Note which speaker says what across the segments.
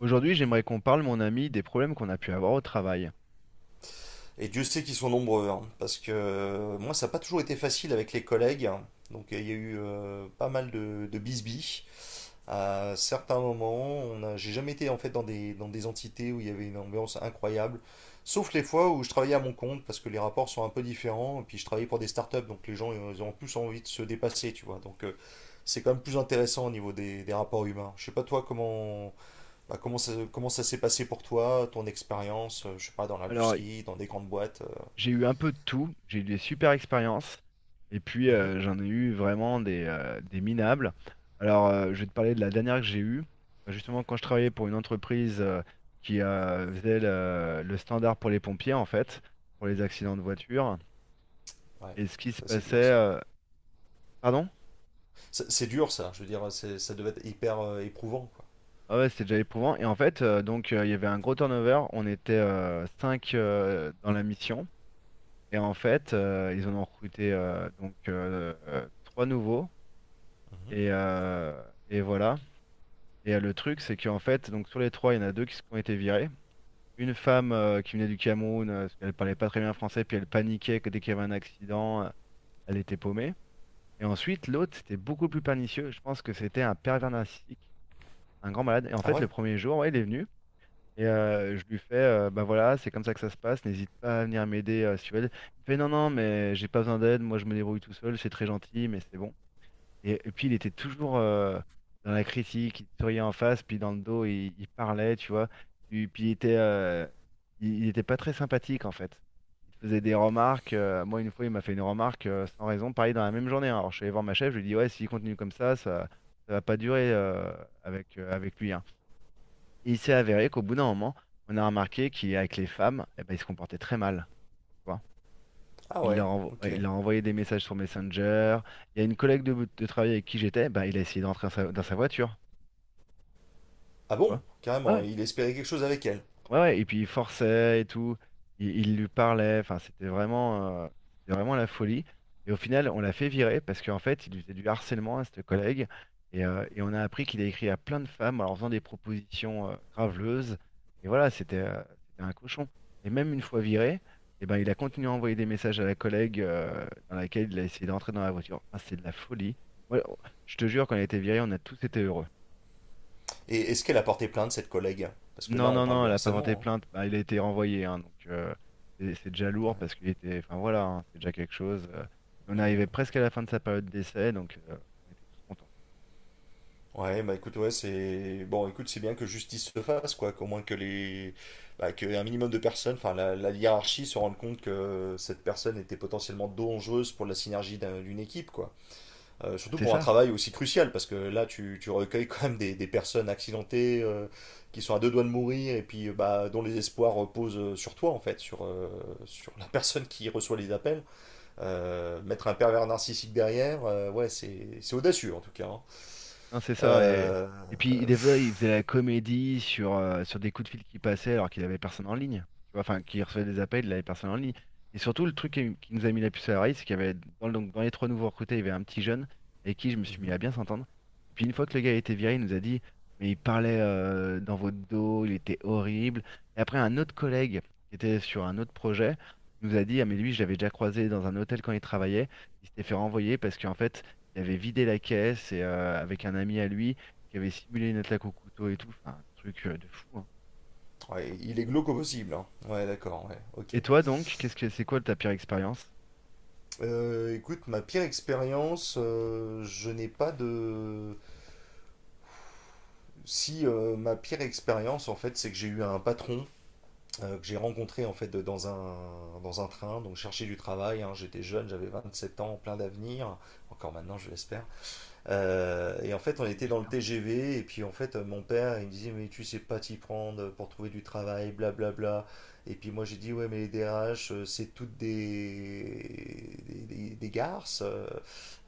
Speaker 1: Aujourd'hui, j'aimerais qu'on parle, mon ami, des problèmes qu'on a pu avoir au travail.
Speaker 2: Et Dieu sait qu'ils sont nombreux, hein, parce que moi, ça n'a pas toujours été facile avec les collègues. Hein. Donc, il y a eu pas mal de, bisbis. À certains moments, j'ai jamais été en fait dans des entités où il y avait une ambiance incroyable, sauf les fois où je travaillais à mon compte, parce que les rapports sont un peu différents, et puis je travaillais pour des startups, donc les gens, ils ont plus envie de se dépasser, tu vois. Donc, c'est quand même plus intéressant au niveau des rapports humains. Je sais pas toi comment comment ça s'est passé pour toi, ton expérience, je sais pas dans
Speaker 1: Alors,
Speaker 2: l'industrie, dans des grandes boîtes.
Speaker 1: j'ai eu un peu de tout, j'ai eu des super expériences, et puis
Speaker 2: Mhm.
Speaker 1: j'en ai eu vraiment des minables. Alors, je vais te parler de la dernière que j'ai eue. Bah, justement, quand je travaillais pour une entreprise qui faisait le standard pour les pompiers, en fait, pour les accidents de voiture,
Speaker 2: Ouais,
Speaker 1: et ce qui se
Speaker 2: ça c'est
Speaker 1: passait...
Speaker 2: dur ça.
Speaker 1: euh, Pardon?
Speaker 2: C'est dur ça, je veux dire, ça devait être hyper éprouvant quoi.
Speaker 1: Ah ouais, c'était déjà éprouvant. Et en fait, il y avait un gros turnover, on était 5 dans la mission. Et en fait, ils en ont recruté trois nouveaux.
Speaker 2: Mhm.
Speaker 1: Et, euh, et voilà. Et le truc, c'est qu'en fait, donc sur les trois, il y en a deux qui ont été virés. Une femme qui venait du Cameroun, parce qu'elle parlait pas très bien français, puis elle paniquait que dès qu'il y avait un accident, elle était paumée. Et ensuite, l'autre, c'était beaucoup plus pernicieux. Je pense que c'était un pervers narcissique, un grand malade. Et en
Speaker 2: Ah
Speaker 1: fait,
Speaker 2: ouais?
Speaker 1: le premier jour, ouais, il est venu. Et je lui fais, ben voilà, c'est comme ça que ça se passe, n'hésite pas à venir m'aider si tu veux. Il me fait, non, non, mais j'ai pas besoin d'aide, moi je me débrouille tout seul, c'est très gentil, mais c'est bon. Et puis il était toujours dans la critique, il te souriait en face, puis dans le dos, il parlait, tu vois. Puis il était, euh, il était pas très sympathique en fait. Il te faisait des remarques. Euh, moi, une fois, il m'a fait une remarque sans raison, pareil dans la même journée, hein. Alors je suis allé voir ma chef, je lui ai dit, ouais, s'il continue comme ça, ça va pas durer avec lui, hein. Et il s'est avéré qu'au bout d'un moment, on a remarqué qu'avec les femmes, eh ben, il se comportait très mal, tu vois.
Speaker 2: Ah ouais, ok.
Speaker 1: Ouais, il leur envoyait des messages sur Messenger. Il y a une collègue de travail avec qui j'étais, bah, il a essayé d'entrer dans dans sa voiture.
Speaker 2: Ah
Speaker 1: Tu
Speaker 2: bon,
Speaker 1: vois. Ouais,
Speaker 2: carrément,
Speaker 1: ouais.
Speaker 2: il espérait quelque chose avec elle.
Speaker 1: Ouais, ouais, et puis il forçait et tout, il lui parlait, enfin c'était vraiment la folie. Et au final, on l'a fait virer parce qu'en fait, il lui faisait du harcèlement à cette collègue. Et on a appris qu'il a écrit à plein de femmes en leur faisant des propositions graveleuses. Et voilà, c'était c'était un cochon. Et même une fois viré, eh ben, il a continué à envoyer des messages à la collègue dans laquelle il a essayé d'entrer dans la voiture. Enfin, c'est de la folie. Moi, je te jure, quand il a été viré, on a tous été heureux.
Speaker 2: Et est-ce qu'elle a porté plainte, cette collègue? Parce que
Speaker 1: Non,
Speaker 2: là, on
Speaker 1: non,
Speaker 2: parle
Speaker 1: non,
Speaker 2: de
Speaker 1: elle a pas porté
Speaker 2: harcèlement,
Speaker 1: plainte. Bah, il a été renvoyé, hein, donc c'est déjà lourd
Speaker 2: hein.
Speaker 1: parce qu'il était. Enfin voilà, hein, c'est déjà quelque chose, euh, on
Speaker 2: Ouais.
Speaker 1: arrivait
Speaker 2: Mm.
Speaker 1: presque à la fin de sa période d'essai, donc on était tous contents.
Speaker 2: Ouais, bah écoute, ouais, Bon, écoute, c'est bien que justice se fasse, quoi. Qu'au moins que les... Bah, qu'un minimum de personnes, enfin, la, hiérarchie se rende compte que cette personne était potentiellement dangereuse pour la synergie d'une équipe, quoi. Surtout
Speaker 1: C'est
Speaker 2: pour un
Speaker 1: ça?
Speaker 2: travail aussi crucial, parce que là, tu recueilles quand même des personnes accidentées qui sont à deux doigts de mourir et puis bah, dont les espoirs reposent sur toi, en fait, sur la personne qui reçoit les appels. Mettre un pervers narcissique derrière, ouais, c'est audacieux en tout cas. Hein.
Speaker 1: Non, c'est ça.
Speaker 2: Euh,
Speaker 1: Et puis,
Speaker 2: euh,
Speaker 1: des fois, il faisait la comédie sur, sur des coups de fil qui passaient alors qu'il avait personne en ligne. Tu vois, enfin, qui recevait des appels, il avait personne en ligne. Et surtout, le truc qui nous a mis la puce à l'oreille, c'est qu'il y avait, dans les trois nouveaux recrutés, il y avait un petit jeune avec qui je me suis mis
Speaker 2: mhm.
Speaker 1: à bien s'entendre. Et puis, une fois que le gars a été viré, il nous a dit, mais il parlait dans votre dos, il était horrible. Et après, un autre collègue qui était sur un autre projet nous a dit, ah, mais lui, je l'avais déjà croisé dans un hôtel quand il travaillait. Il s'était fait renvoyer parce qu'en fait, il avait vidé la caisse et avec un ami à lui qui avait simulé une attaque au couteau et tout. Enfin, un truc de fou, hein.
Speaker 2: Ouais, il est glauque au possible. Hein. Ouais, d'accord, ouais, ok.
Speaker 1: Et toi donc, qu'est-ce que c'est, quoi ta pire expérience?
Speaker 2: Écoute, ma pire expérience, je n'ai pas de. Si ma pire expérience, en fait, c'est que j'ai eu un patron que j'ai rencontré en fait dans un, train, donc chercher du travail, hein. J'étais jeune, j'avais 27 ans, plein d'avenir, encore maintenant je l'espère, et en fait, on était dans le
Speaker 1: J'espère.
Speaker 2: TGV, et puis en fait, mon père, il me disait, mais tu sais pas t'y prendre pour trouver du travail, blablabla. Et puis moi, j'ai dit, ouais, mais les DRH, c'est toutes des garces, euh,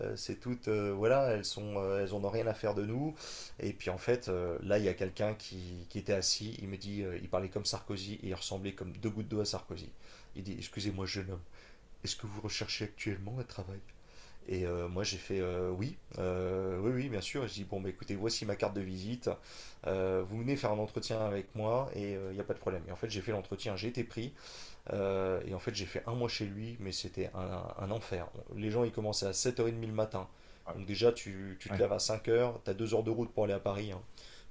Speaker 2: euh, c'est toutes, voilà, elles sont, elles en ont rien à faire de nous. Et puis en fait, là, il y a quelqu'un qui était assis, il me dit, il parlait comme Sarkozy, et il ressemblait comme deux gouttes d'eau à Sarkozy. Il dit, excusez-moi, jeune homme, est-ce que vous recherchez actuellement un travail? Et moi j'ai fait oui, oui, oui, bien sûr. Et je dis bon, bah, écoutez, voici ma carte de visite. Vous venez faire un entretien avec moi et il n'y a pas de problème. Et en fait, j'ai fait l'entretien, j'ai été pris. Et en fait, j'ai fait un mois chez lui, mais c'était un enfer. Les gens ils commençaient à 7h30 le matin.
Speaker 1: Oh là
Speaker 2: Donc déjà, tu
Speaker 1: là.
Speaker 2: te
Speaker 1: Ouais,
Speaker 2: lèves à 5 heures, tu as 2 heures de route pour aller à Paris. Hein.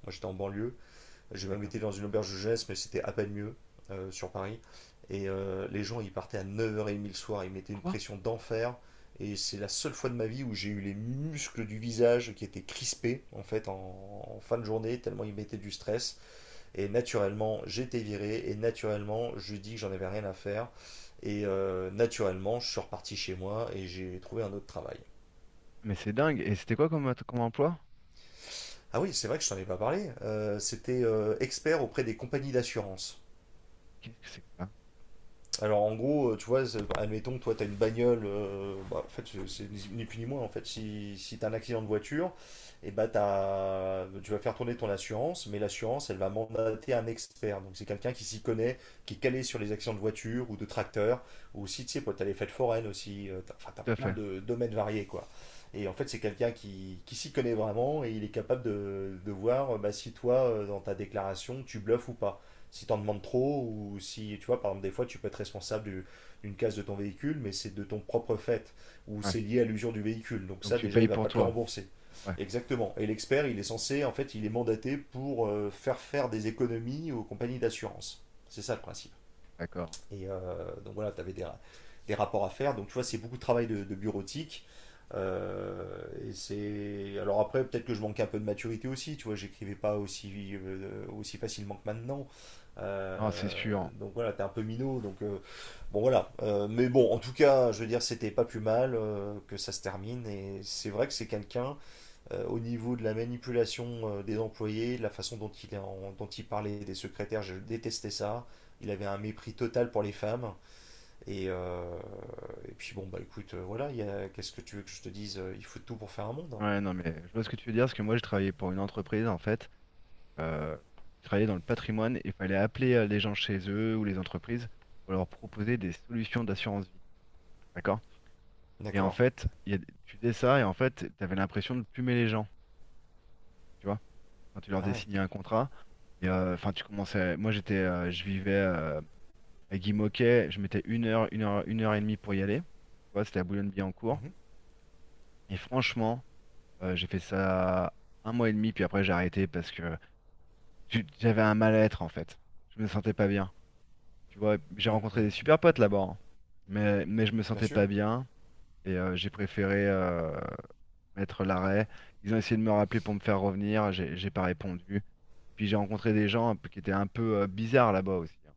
Speaker 2: Moi j'étais en banlieue. Je même
Speaker 1: d'accord.
Speaker 2: été dans une auberge de jeunesse, mais c'était à peine mieux sur Paris. Et les gens, ils partaient à 9h30 le soir, ils mettaient une
Speaker 1: Quoi?
Speaker 2: pression d'enfer. Et c'est la seule fois de ma vie où j'ai eu les muscles du visage qui étaient crispés en fait en fin de journée, tellement ils mettaient du stress. Et naturellement, j'étais viré, et naturellement, je dis que j'en avais rien à faire. Et naturellement, je suis reparti chez moi et j'ai trouvé un autre travail.
Speaker 1: Mais c'est dingue. Et c'était quoi comme, comme emploi?
Speaker 2: Ah oui, c'est vrai que je t'en ai pas parlé. C'était expert auprès des compagnies d'assurance.
Speaker 1: Qu'est-ce que c'est que ça?
Speaker 2: Alors en gros, tu vois, admettons que toi t'as une bagnole, bah, en fait c'est ni plus ni moins en fait. Si t'as un accident de voiture, et bah tu vas faire tourner ton assurance, mais l'assurance elle va mandater un expert. Donc c'est quelqu'un qui s'y connaît, qui est calé sur les accidents de voiture ou de tracteur, ou aussi tu sais, quoi, t'as les fêtes foraines aussi, enfin t'as
Speaker 1: Tout à
Speaker 2: plein
Speaker 1: fait.
Speaker 2: de domaines variés quoi. Et en fait c'est quelqu'un qui, s'y connaît vraiment et il est capable de voir bah, si toi, dans ta déclaration, tu bluffes ou pas, si t'en demandes trop, ou si tu vois, par exemple des fois tu peux être responsable d'une casse de ton véhicule mais c'est de ton propre fait, ou
Speaker 1: Ouais.
Speaker 2: c'est lié à l'usure du véhicule, donc
Speaker 1: Donc
Speaker 2: ça
Speaker 1: tu
Speaker 2: déjà
Speaker 1: payes
Speaker 2: il va
Speaker 1: pour
Speaker 2: pas te le
Speaker 1: toi.
Speaker 2: rembourser.
Speaker 1: Ouais,
Speaker 2: Exactement. Et l'expert il est censé, en fait il est mandaté pour faire faire des économies aux compagnies d'assurance, c'est ça le principe.
Speaker 1: d'accord.
Speaker 2: Et donc voilà, tu avais des, rapports à faire. Donc tu vois, c'est beaucoup de travail de bureautique. Euh, et c'est, alors après peut-être que je manquais un peu de maturité aussi, tu vois, j'écrivais pas aussi aussi facilement que maintenant.
Speaker 1: Non, c'est
Speaker 2: Euh,
Speaker 1: sûr.
Speaker 2: donc voilà, t'es un peu minot, donc bon voilà. Mais bon, en tout cas je veux dire, c'était pas plus mal que ça se termine, et c'est vrai que c'est quelqu'un, au niveau de la manipulation, des employés, de la façon dont il parlait des secrétaires, je détestais ça. Il avait un mépris total pour les femmes. Et, euh, et puis bon, bah écoute, voilà, qu'est-ce que tu veux que je te dise? Il faut tout pour faire un monde.
Speaker 1: Ouais, non, mais je vois ce que tu veux dire, parce que moi, je travaillais pour une entreprise, en fait. Euh, je travaillais dans le patrimoine et il fallait appeler les gens chez eux ou les entreprises pour leur proposer des solutions d'assurance vie. D'accord? Et en
Speaker 2: D'accord.
Speaker 1: fait, tu faisais ça et en fait, tu avais l'impression de plumer les gens, tu vois, quand tu leur
Speaker 2: Ah
Speaker 1: faisais
Speaker 2: ouais.
Speaker 1: signer un contrat. Et enfin, tu commençais. Moi, j'étais, je vivais à Guimauquet, je mettais une heure, une heure et demie pour y aller. Tu vois, c'était à Boulogne-Billancourt.
Speaker 2: Mhm.
Speaker 1: Et franchement, j'ai fait ça un mois et demi, puis après, j'ai arrêté parce que j'avais un mal-être en fait. Je me sentais pas bien. Tu vois, j'ai rencontré des
Speaker 2: Mhm.
Speaker 1: super potes là-bas, hein. Mais je me
Speaker 2: Bien
Speaker 1: sentais
Speaker 2: sûr.
Speaker 1: pas bien et j'ai préféré, mettre l'arrêt. Ils ont essayé de me rappeler pour me faire revenir, j'ai pas répondu. Puis j'ai rencontré des gens qui étaient un peu bizarres là-bas aussi, hein.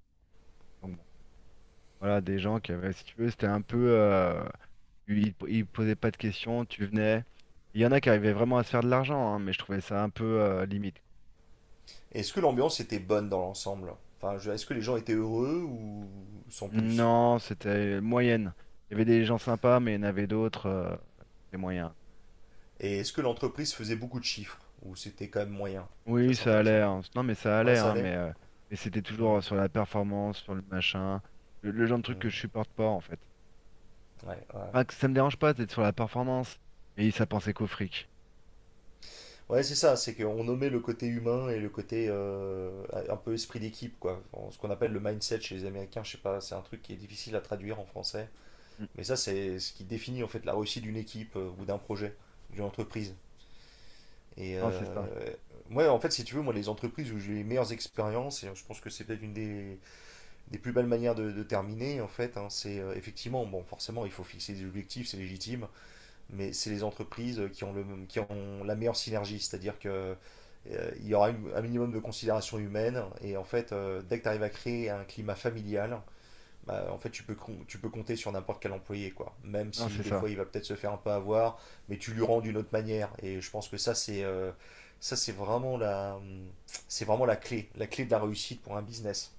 Speaker 1: Donc bon, voilà, des gens qui avaient, si tu veux, c'était un peu, euh, ils posaient pas de questions, tu venais. Il y en a qui arrivaient vraiment à se faire de l'argent, hein, mais je trouvais ça un peu limite,
Speaker 2: Et est-ce que l'ambiance était bonne dans l'ensemble? Enfin, est-ce que les gens étaient heureux ou sans
Speaker 1: quoi.
Speaker 2: plus?
Speaker 1: Non, c'était moyenne. Il y avait des gens sympas, mais il y en avait d'autres, c'était moyen.
Speaker 2: Et est-ce que l'entreprise faisait beaucoup de chiffres? Ou c'était quand même moyen? Ça,
Speaker 1: Oui,
Speaker 2: c'est
Speaker 1: ça
Speaker 2: intéressant.
Speaker 1: allait, hein. Non, mais ça
Speaker 2: Ouais,
Speaker 1: allait,
Speaker 2: ça
Speaker 1: hein,
Speaker 2: allait.
Speaker 1: mais c'était toujours
Speaker 2: Mhm.
Speaker 1: sur la performance, sur le machin, le genre de truc que
Speaker 2: Mhm.
Speaker 1: je supporte pas en fait.
Speaker 2: Ouais, ouais,
Speaker 1: Enfin,
Speaker 2: ouais.
Speaker 1: que ça me dérange pas d'être sur la performance, mais ça pensait qu'au fric.
Speaker 2: Ouais, c'est ça, c'est qu'on nommait le côté humain et le côté, un peu esprit d'équipe, quoi. Ce qu'on appelle le mindset chez les Américains, je sais pas, c'est un truc qui est difficile à traduire en français.
Speaker 1: Mm.
Speaker 2: Mais ça, c'est ce qui définit en fait la réussite d'une équipe, ou d'un projet, d'une entreprise. Et
Speaker 1: Non, c'est ça.
Speaker 2: ouais, en fait, si tu veux, moi, les entreprises où j'ai eu les meilleures expériences, et je pense que c'est peut-être une des, plus belles manières de terminer, en fait, hein, c'est effectivement, bon, forcément, il faut fixer des objectifs, c'est légitime, mais c'est les entreprises qui ont la meilleure synergie, c'est-à-dire que il y aura un minimum de considération humaine, et en fait, dès que tu arrives à créer un climat familial, bah, en fait, tu peux compter sur n'importe quel employé, quoi. Même
Speaker 1: Non, c'est
Speaker 2: si des
Speaker 1: ça.
Speaker 2: fois, il va peut-être se faire un peu avoir, mais tu lui rends d'une autre manière, et je pense que ça, ça, c'est vraiment la, c'est vraiment la clé de la réussite pour un business.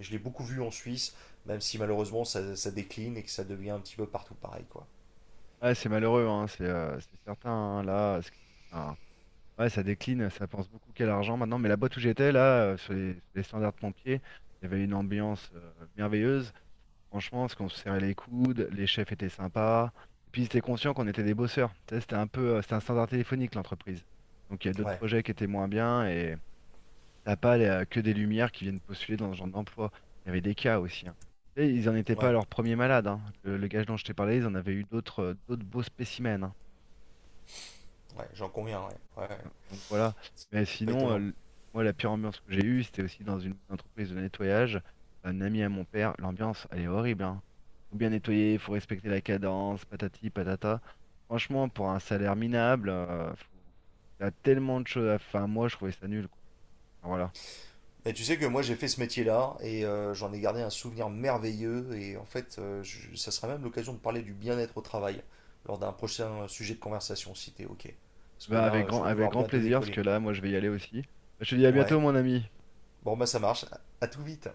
Speaker 2: Je l'ai beaucoup vu en Suisse, même si malheureusement ça décline et que ça devient un petit peu partout pareil, quoi.
Speaker 1: Ouais, c'est malheureux, hein. C'est certain, hein, là. Enfin, ouais, ça décline, ça pense beaucoup qu'à l'argent maintenant. Mais la boîte où j'étais, là, sur les standards pompiers, il y avait une ambiance merveilleuse. Franchement, parce qu'on se serrait les coudes, les chefs étaient sympas. Et puis, ils étaient conscients qu'on était des bosseurs. Tu sais, c'était un peu, c'était un standard téléphonique, l'entreprise. Donc, il y a d'autres
Speaker 2: Ouais,
Speaker 1: projets qui étaient moins bien. Et t'as pas que des lumières qui viennent postuler dans ce genre d'emploi. Il y avait des cas aussi, hein. Et ils n'en étaient pas à
Speaker 2: ouais.
Speaker 1: leur premier malade, hein. Le gage dont je t'ai parlé, ils en avaient eu d'autres d'autres beaux spécimens, hein.
Speaker 2: Ouais, j'en conviens, ouais. Ouais. Ouais.
Speaker 1: Donc voilà. Mais
Speaker 2: C'est pas
Speaker 1: sinon,
Speaker 2: étonnant.
Speaker 1: moi, la pire ambiance que j'ai eue, c'était aussi dans une entreprise de nettoyage. Un ami à mon père, l'ambiance, elle est horrible, hein. Faut bien nettoyer, faut respecter la cadence, patati, patata. Franchement, pour un salaire minable, il y a tellement de choses à faire. Moi, je trouvais ça nul, quoi. Enfin, voilà.
Speaker 2: Et tu sais que moi j'ai fait ce métier-là et j'en ai gardé un souvenir merveilleux, et en fait ça sera même l'occasion de parler du bien-être au travail lors d'un prochain sujet de conversation, si t'es ok. Parce que
Speaker 1: Bah
Speaker 2: là je vais
Speaker 1: avec
Speaker 2: devoir
Speaker 1: grand
Speaker 2: bientôt
Speaker 1: plaisir, parce que
Speaker 2: décoller.
Speaker 1: là, moi, je vais y aller aussi. Je te dis à
Speaker 2: Ouais,
Speaker 1: bientôt, mon ami.
Speaker 2: bon bah ça marche, à tout vite.